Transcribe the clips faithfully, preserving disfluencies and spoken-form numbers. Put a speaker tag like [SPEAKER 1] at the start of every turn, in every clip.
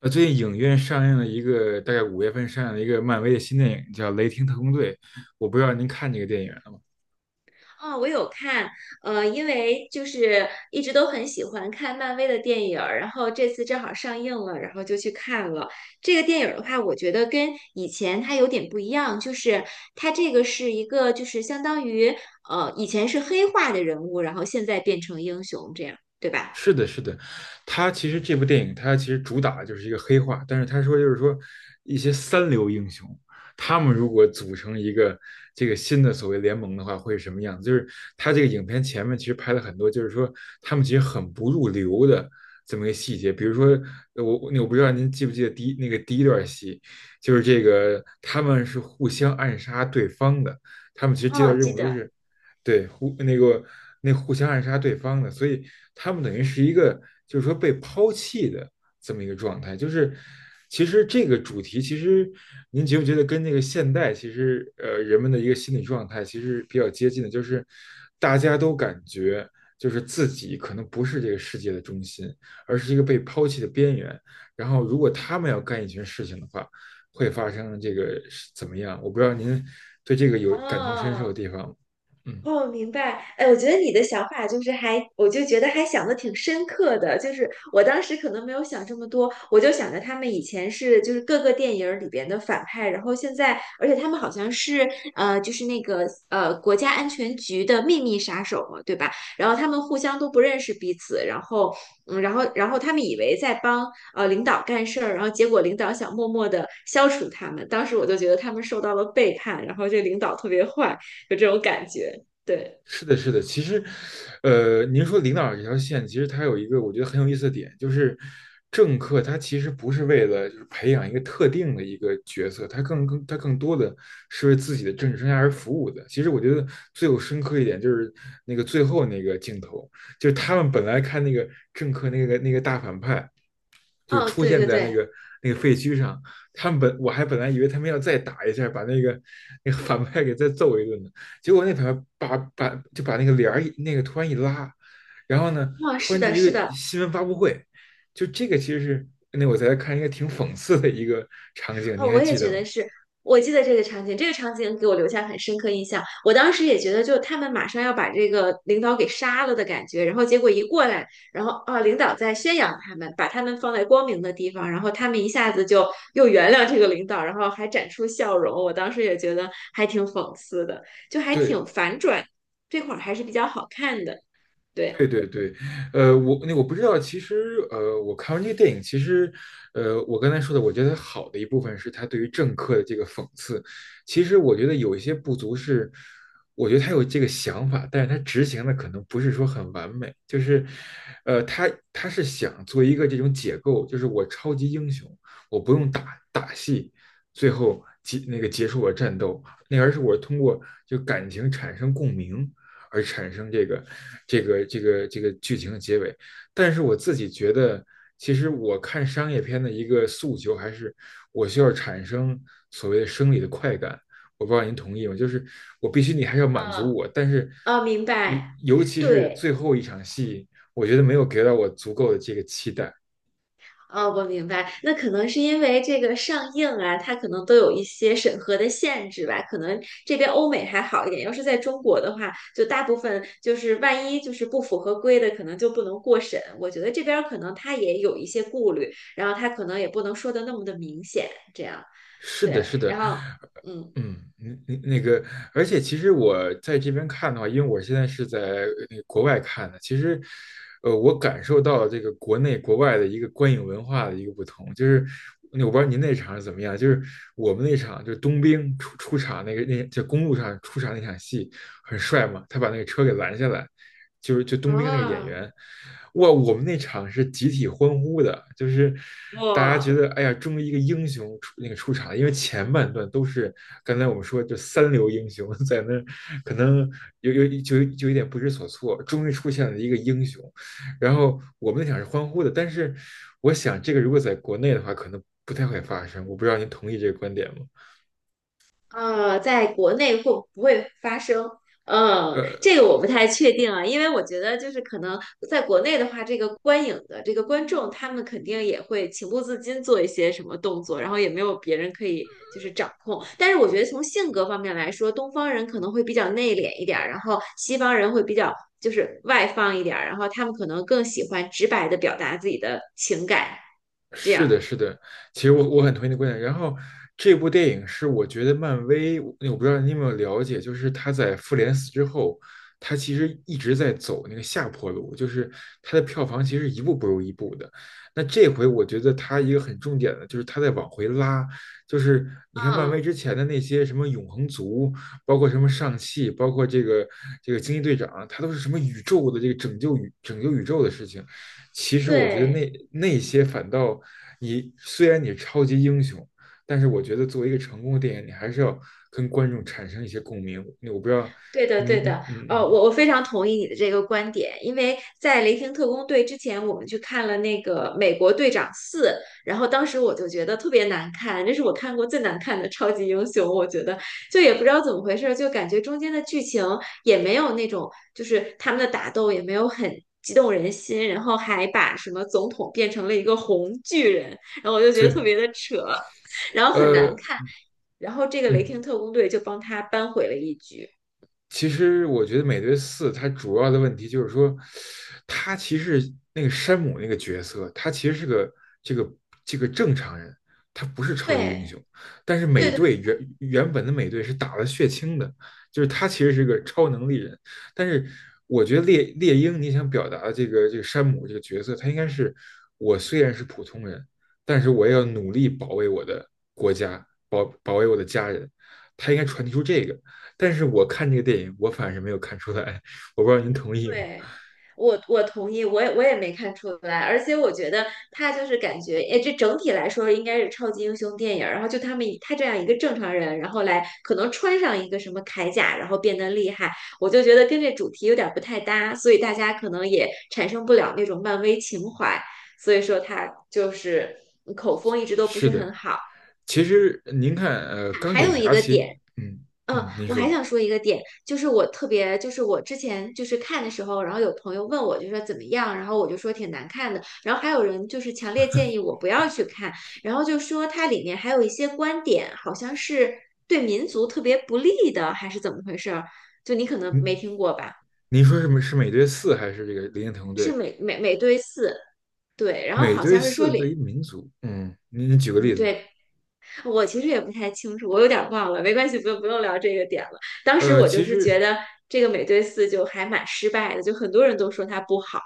[SPEAKER 1] 呃，最近影院上映了一个，大概五月份上映了一个漫威的新电影，叫《雷霆特工队》。我不知道您看这个电影了吗？
[SPEAKER 2] 哦，我有看，呃，因为就是一直都很喜欢看漫威的电影儿，然后这次正好上映了，然后就去看了。这个电影儿的话，我觉得跟以前它有点不一样，就是它这个是一个就是相当于呃以前是黑化的人物，然后现在变成英雄这样，对吧？
[SPEAKER 1] 是的，是的，他其实这部电影，他其实主打的就是一个黑化，但是他说就是说一些三流英雄，他们如果组成一个这个新的所谓联盟的话，会是什么样子？就是他这个影片前面其实拍了很多，就是说他们其实很不入流的这么一个细节，比如说呃我我不知道您记不记得第一那个第一段戏，就是这个他们是互相暗杀对方的，他们其实接到
[SPEAKER 2] 哦，
[SPEAKER 1] 任
[SPEAKER 2] 记
[SPEAKER 1] 务都
[SPEAKER 2] 得。
[SPEAKER 1] 是。对，互那个那互相暗杀对方的，所以他们等于是一个就是说被抛弃的这么一个状态。就是其实这个主题，其实您觉不觉得跟那个现代其实呃人们的一个心理状态其实比较接近的，就是大家都感觉就是自己可能不是这个世界的中心，而是一个被抛弃的边缘。然后如果他们要干一件事情的话，会发生这个是怎么样？我不知道您对这个有感同身受的
[SPEAKER 2] 哦。
[SPEAKER 1] 地方吗？嗯。
[SPEAKER 2] 哦，明白。哎，我觉得你的想法就是还，我就觉得还想的挺深刻的。就是我当时可能没有想这么多，我就想着他们以前是就是各个电影儿里边的反派，然后现在，而且他们好像是呃，就是那个呃国家安全局的秘密杀手嘛，对吧？然后他们互相都不认识彼此，然后嗯，然后然后他们以为在帮呃领导干事儿，然后结果领导想默默的消除他们。当时我就觉得他们受到了背叛，然后这领导特别坏，有这种感觉。对。
[SPEAKER 1] 是的，是的。其实，呃，您说领导这条线，其实它有一个我觉得很有意思的点，就是政客他其实不是为了就是培养一个特定的一个角色，他更更他更多的是为自己的政治生涯而服务的。其实我觉得最有深刻一点就是那个最后那个镜头，就是他们本来看那个政客那个那个大反派，就
[SPEAKER 2] 哦，
[SPEAKER 1] 出
[SPEAKER 2] 对
[SPEAKER 1] 现
[SPEAKER 2] 对
[SPEAKER 1] 在那
[SPEAKER 2] 对。
[SPEAKER 1] 个那个废墟上。他们本我还本来以为他们要再打一下，把那个那个反派给再揍一顿呢。结果那反派把把就把那个帘儿那个突然一拉，然后呢，
[SPEAKER 2] 哦，
[SPEAKER 1] 突
[SPEAKER 2] 是
[SPEAKER 1] 然就
[SPEAKER 2] 的，
[SPEAKER 1] 一
[SPEAKER 2] 是的。
[SPEAKER 1] 个新闻发布会，就这个其实是那我在看一个挺讽刺的一个场景，
[SPEAKER 2] 哦，
[SPEAKER 1] 你还
[SPEAKER 2] 我也
[SPEAKER 1] 记
[SPEAKER 2] 觉
[SPEAKER 1] 得吗？
[SPEAKER 2] 得是，我记得这个场景，这个场景给我留下很深刻印象。我当时也觉得，就他们马上要把这个领导给杀了的感觉，然后结果一过来，然后啊，领导在宣扬他们，把他们放在光明的地方，然后他们一下子就又原谅这个领导，然后还展出笑容。我当时也觉得还挺讽刺的，就还
[SPEAKER 1] 对，
[SPEAKER 2] 挺反转，这块儿还是比较好看的。对。
[SPEAKER 1] 对对对，呃，我那我不知道，其实呃，我看完这个电影，其实呃，我刚才说的，我觉得好的一部分是他对于政客的这个讽刺。其实我觉得有一些不足是，我觉得他有这个想法，但是他执行的可能不是说很完美。就是，呃，他他是想做一个这种解构，就是我超级英雄，我不用打打戏，最后结那个结束我战斗，那而是我通过就感情产生共鸣，而产生这个这个这个这个剧情的结尾。但是我自己觉得，其实我看商业片的一个诉求还是我需要产生所谓的生理的快感。我不知道您同意吗？就是我必须你还是要满足
[SPEAKER 2] 嗯。
[SPEAKER 1] 我，但是
[SPEAKER 2] 哦，明
[SPEAKER 1] 我
[SPEAKER 2] 白。
[SPEAKER 1] 尤其是
[SPEAKER 2] 对。
[SPEAKER 1] 最后一场戏，我觉得没有给到我足够的这个期待。
[SPEAKER 2] 哦，我明白，那可能是因为这个上映啊，它可能都有一些审核的限制吧。可能这边欧美还好一点，要是在中国的话，就大部分就是万一就是不符合规的，可能就不能过审。我觉得这边儿可能他也有一些顾虑，然后他可能也不能说的那么的明显，这样。
[SPEAKER 1] 是的，
[SPEAKER 2] 对。
[SPEAKER 1] 是的，
[SPEAKER 2] 然后嗯。
[SPEAKER 1] 嗯，那那那个，而且其实我在这边看的话，因为我现在是在呃那个国外看的，其实，呃，我感受到了这个国内国外的一个观影文化的一个不同，就是那我不知道您那场是怎么样，就是我们那场就是冬兵出出场那个那就公路上出场那场戏，很帅嘛，他把那个车给拦下来，就是就冬兵那个演
[SPEAKER 2] 啊。
[SPEAKER 1] 员，哇，我们那场是集体欢呼的，就是大家觉
[SPEAKER 2] 哇。
[SPEAKER 1] 得哎呀，终于一个英雄出那个出场了。因为前半段都是刚才我们说就三流英雄 在那可能有有就就有点不知所措，终于出现了一个英雄，然后我们那场是欢呼的，但是我想这个如果在国内的话，可能不太会发生，我不知道您同意这个观点吗？
[SPEAKER 2] 呃，在国内会不会发生？嗯，
[SPEAKER 1] 呃，
[SPEAKER 2] 这个我不太确定啊，因为我觉得就是可能在国内的话，这个观影的这个观众，他们肯定也会情不自禁做一些什么动作，然后也没有别人可以就是掌控。但是我觉得从性格方面来说，东方人可能会比较内敛一点儿，然后西方人会比较就是外放一点儿，然后他们可能更喜欢直白的表达自己的情感，这样。
[SPEAKER 1] 是的，是的，其实我我很同意你的观点。然后这部电影是我觉得漫威，我我不知道你有没有了解，就是他在复联四之后，他其实一直在走那个下坡路，就是他的票房其实一步不如一步的。那这回我觉得他一个很重点的就是他在往回拉，就是你看漫威
[SPEAKER 2] 嗯。
[SPEAKER 1] 之前的那些什么永恒族，包括什么上汽，包括这个这个惊奇队长，他都是什么宇宙的这个拯救宇拯救宇宙的事情。其实我觉得
[SPEAKER 2] 对。
[SPEAKER 1] 那那些反倒你虽然你超级英雄，但是我觉得作为一个成功的电影，你还是要跟观众产生一些共鸣。我不知道
[SPEAKER 2] 对的，
[SPEAKER 1] 你。
[SPEAKER 2] 对
[SPEAKER 1] 嗯
[SPEAKER 2] 的，
[SPEAKER 1] 嗯
[SPEAKER 2] 呃，
[SPEAKER 1] 嗯。
[SPEAKER 2] 我我非常同意你的这个观点，因为在《雷霆特工队》之前，我们去看了那个《美国队长四》，然后当时我就觉得特别难看，这是我看过最难看的超级英雄，我觉得就也不知道怎么回事儿，就感觉中间的剧情也没有那种，就是他们的打斗也没有很激动人心，然后还把什么总统变成了一个红巨人，然后我就觉得特
[SPEAKER 1] 对，
[SPEAKER 2] 别的扯，然后很难
[SPEAKER 1] 呃
[SPEAKER 2] 看，然后这个《雷霆
[SPEAKER 1] 嗯。
[SPEAKER 2] 特工队》就帮他扳回了一局。
[SPEAKER 1] 其实我觉得《美队四》它主要的问题就是说，他其实那个山姆那个角色，他其实是个这个这个正常人，他不是超级英
[SPEAKER 2] 对
[SPEAKER 1] 雄。但是美
[SPEAKER 2] 对对
[SPEAKER 1] 队原原本的美队是打了血清的，就是他其实是个超能力人。但是我觉得猎猎鹰你想表达的这个这个山姆这个角色，他应该是我虽然是普通人，但是我也要努力保卫我的国家，保保卫我的家人。他应该传递出这个。但是我看这个电影，我反是没有看出来，我不知道您同意吗？
[SPEAKER 2] 对。我我同意，我也我也没看出来，而且我觉得他就是感觉，哎，这整体来说应该是超级英雄电影儿，然后就他们以他这样一个正常人，然后来可能穿上一个什么铠甲，然后变得厉害，我就觉得跟这主题有点儿不太搭，所以大家可能也产生不了那种漫威情怀，所以说他就是口风一直都不
[SPEAKER 1] 是
[SPEAKER 2] 是
[SPEAKER 1] 的，
[SPEAKER 2] 很好。
[SPEAKER 1] 其实您看，呃，钢
[SPEAKER 2] 还
[SPEAKER 1] 铁
[SPEAKER 2] 有一
[SPEAKER 1] 侠
[SPEAKER 2] 个
[SPEAKER 1] 其实，
[SPEAKER 2] 点。
[SPEAKER 1] 嗯
[SPEAKER 2] 嗯，
[SPEAKER 1] 嗯，您
[SPEAKER 2] 我还
[SPEAKER 1] 说，
[SPEAKER 2] 想说一个点，就是我特别，就是我之前就是看的时候，然后有朋友问我，就说怎么样，然后我就说挺难看的，然后还有人就是强烈建议我不要去看，然后就说它里面还有一些观点好像是对民族特别不利的，还是怎么回事儿？就你可能没
[SPEAKER 1] 您
[SPEAKER 2] 听过吧？
[SPEAKER 1] 您说是是美队四还是这个零零特工
[SPEAKER 2] 是
[SPEAKER 1] 队？
[SPEAKER 2] 美美美队四，对，然后
[SPEAKER 1] 美
[SPEAKER 2] 好
[SPEAKER 1] 队
[SPEAKER 2] 像是说
[SPEAKER 1] 四对于
[SPEAKER 2] 里，
[SPEAKER 1] 民族，嗯，您您举个例
[SPEAKER 2] 嗯，
[SPEAKER 1] 子，
[SPEAKER 2] 对，我其实也不太清楚，我有点忘了，没关系，不用不用聊这个点了。当时
[SPEAKER 1] 呃，
[SPEAKER 2] 我就
[SPEAKER 1] 其
[SPEAKER 2] 是觉
[SPEAKER 1] 实
[SPEAKER 2] 得这个美队四就还蛮失败的，就很多人都说它不好。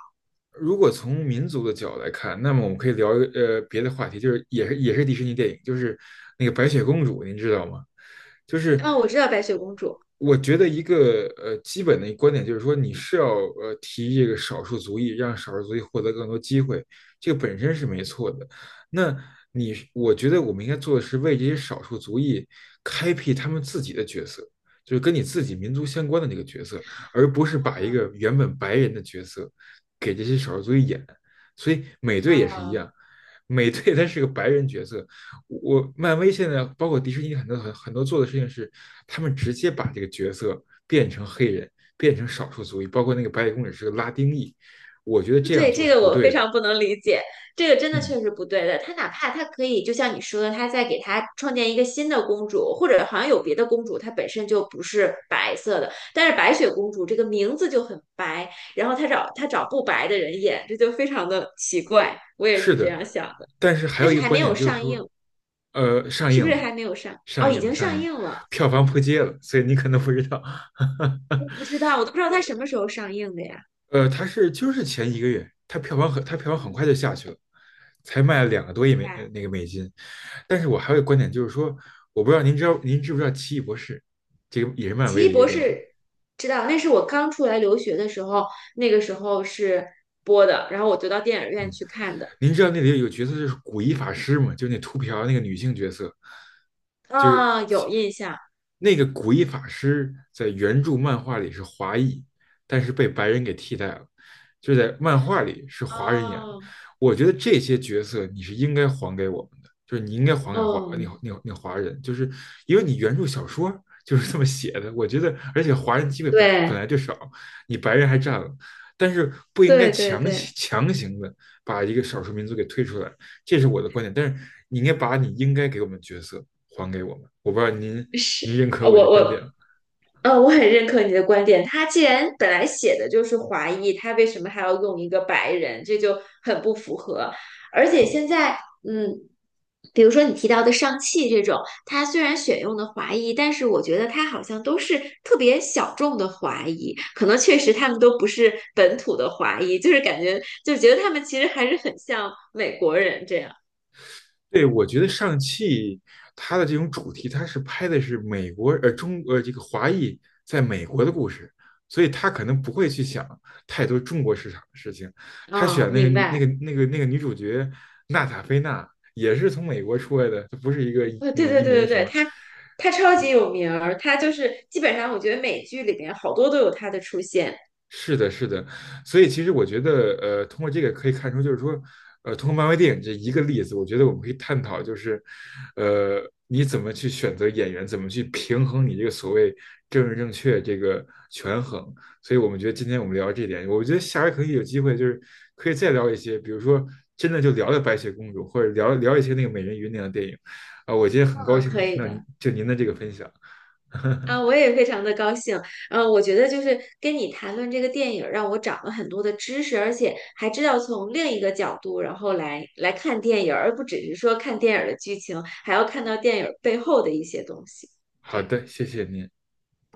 [SPEAKER 1] 如果从民族的角度来看，那么我们可以聊一个呃别的话题，就是也是也是迪士尼电影，就是那个白雪公主，您知道吗？就是
[SPEAKER 2] 啊，我知道白雪公主。
[SPEAKER 1] 我觉得一个呃基本的观点就是说，你是要呃提这个少数族裔，让少数族裔获得更多机会，这个本身是没错的。那你我觉得我们应该做的是为这些少数族裔开辟他们自己的角色，就是跟你自己民族相关的那个角色，而不是把一个原本白人的角色。给这些少数族裔演，所以美队也是一
[SPEAKER 2] 啊，
[SPEAKER 1] 样，美队他是个白人角色，我漫威现在包括迪士尼很多很很多做的事情是，他们直接把这个角色变成黑人，变成少数族裔，包括那个白雪公主是个拉丁裔，我觉得这样
[SPEAKER 2] 对，
[SPEAKER 1] 做
[SPEAKER 2] 这
[SPEAKER 1] 是
[SPEAKER 2] 个
[SPEAKER 1] 不
[SPEAKER 2] 我非
[SPEAKER 1] 对的。
[SPEAKER 2] 常不能理解，这个真的
[SPEAKER 1] 嗯，
[SPEAKER 2] 确实不对的。他哪怕他可以，就像你说的，他再给他创建一个新的公主，或者好像有别的公主，她本身就不是白色的，但是白雪公主这个名字就很白，然后他找他找不白的人演，这就非常的奇怪。我也
[SPEAKER 1] 是
[SPEAKER 2] 是这样
[SPEAKER 1] 的，
[SPEAKER 2] 想的。
[SPEAKER 1] 但是还
[SPEAKER 2] 但
[SPEAKER 1] 有一
[SPEAKER 2] 是
[SPEAKER 1] 个
[SPEAKER 2] 还
[SPEAKER 1] 观
[SPEAKER 2] 没
[SPEAKER 1] 点
[SPEAKER 2] 有
[SPEAKER 1] 就是
[SPEAKER 2] 上
[SPEAKER 1] 说，
[SPEAKER 2] 映。
[SPEAKER 1] 呃，上
[SPEAKER 2] 是不
[SPEAKER 1] 映
[SPEAKER 2] 是
[SPEAKER 1] 了，
[SPEAKER 2] 还没有上？
[SPEAKER 1] 上
[SPEAKER 2] 哦，已
[SPEAKER 1] 映了，
[SPEAKER 2] 经
[SPEAKER 1] 上
[SPEAKER 2] 上
[SPEAKER 1] 映了。
[SPEAKER 2] 映了。
[SPEAKER 1] 票房破街了，所以你可能不知道。
[SPEAKER 2] 我不知道，我都不知道它什么时候上映的呀。
[SPEAKER 1] 呃，它是就是前一个月，它票房很它票房很快就下去了，才
[SPEAKER 2] 哦。
[SPEAKER 1] 卖了两个多亿美呃
[SPEAKER 2] 哎。
[SPEAKER 1] 那个美金。但是我还有一个观点就是说，我不知道您知道您知不知道《奇异博士》这个也是漫
[SPEAKER 2] 奇
[SPEAKER 1] 威
[SPEAKER 2] 异
[SPEAKER 1] 的一个
[SPEAKER 2] 博
[SPEAKER 1] 电影，
[SPEAKER 2] 士，知道，那是我刚出来留学的时候，那个时候是播的，然后我就到电影院
[SPEAKER 1] 嗯，
[SPEAKER 2] 去看的。
[SPEAKER 1] 您知道那里有一个角色就是古一法师吗？就那秃瓢那个女性角色，就
[SPEAKER 2] 啊、
[SPEAKER 1] 是
[SPEAKER 2] 有印象。
[SPEAKER 1] 那个古一法师在原著漫画里是华裔，但是被白人给替代了，就在漫画里是华人演的。
[SPEAKER 2] 哦。
[SPEAKER 1] 我觉得这些角色你是应该还给我们的，就是你应该还给华
[SPEAKER 2] 哦，
[SPEAKER 1] 那那那华人，就是因为你原著小说就是这么写的。我觉得，而且华人机会本来本
[SPEAKER 2] 对，
[SPEAKER 1] 来就少，你白人还占了，但是不应该
[SPEAKER 2] 对对
[SPEAKER 1] 强
[SPEAKER 2] 对。
[SPEAKER 1] 强行的把一个少数民族给推出来，这是我的观点。但是你应该把你应该给我们的角色还给我们。我不知道您
[SPEAKER 2] 是。
[SPEAKER 1] 您认可我的
[SPEAKER 2] 我
[SPEAKER 1] 观
[SPEAKER 2] 我
[SPEAKER 1] 点。
[SPEAKER 2] 呃，我很认可你的观点。他既然本来写的就是华裔，他为什么还要用一个白人？这就很不符合。而且现在嗯，比如说你提到的上汽这种，它虽然选用的华裔，但是我觉得它好像都是特别小众的华裔，可能确实他们都不是本土的华裔，就是感觉就觉得他们其实还是很像美国人这样。
[SPEAKER 1] 对，我觉得上汽它的这种主题，它是拍的是美国呃中呃这个华裔在美国的故事，所以他可能不会去想太多中国市场的事情。他
[SPEAKER 2] 嗯，
[SPEAKER 1] 选那个
[SPEAKER 2] 明
[SPEAKER 1] 那
[SPEAKER 2] 白。
[SPEAKER 1] 个那个那个女主角娜塔菲娜也是从美国出来的，她不是一个
[SPEAKER 2] 呃，
[SPEAKER 1] 那
[SPEAKER 2] 对
[SPEAKER 1] 个
[SPEAKER 2] 对
[SPEAKER 1] 移民
[SPEAKER 2] 对对
[SPEAKER 1] 什
[SPEAKER 2] 对，
[SPEAKER 1] 么，
[SPEAKER 2] 他他超级有名儿，他就是基本上我觉得美剧里边好多都有他的出现。
[SPEAKER 1] 是的，是的，所以其实我觉得，呃，通过这个可以看出，就是说，呃，通过漫威电影这一个例子，我觉得我们可以探讨，就是，呃，你怎么去选择演员，怎么去平衡你这个所谓政治正确这个权衡。所以我们觉得今天我们聊这点，我觉得下回可以有机会，就是可以再聊一些，比如说真的就聊聊白雪公主，或者聊聊一些那个美人鱼那样的电影。啊，我今天很高
[SPEAKER 2] 嗯，
[SPEAKER 1] 兴能
[SPEAKER 2] 可
[SPEAKER 1] 听
[SPEAKER 2] 以
[SPEAKER 1] 到您
[SPEAKER 2] 的。
[SPEAKER 1] 就您的这个分享。
[SPEAKER 2] 啊，我也非常的高兴。嗯，我觉得就是跟你谈论这个电影儿让我长了很多的知识，而且还知道从另一个角度，然后来来看电影儿，而不只是说看电影儿的剧情，还要看到电影儿背后的一些东西。这
[SPEAKER 1] 好
[SPEAKER 2] 样。
[SPEAKER 1] 的，谢谢您。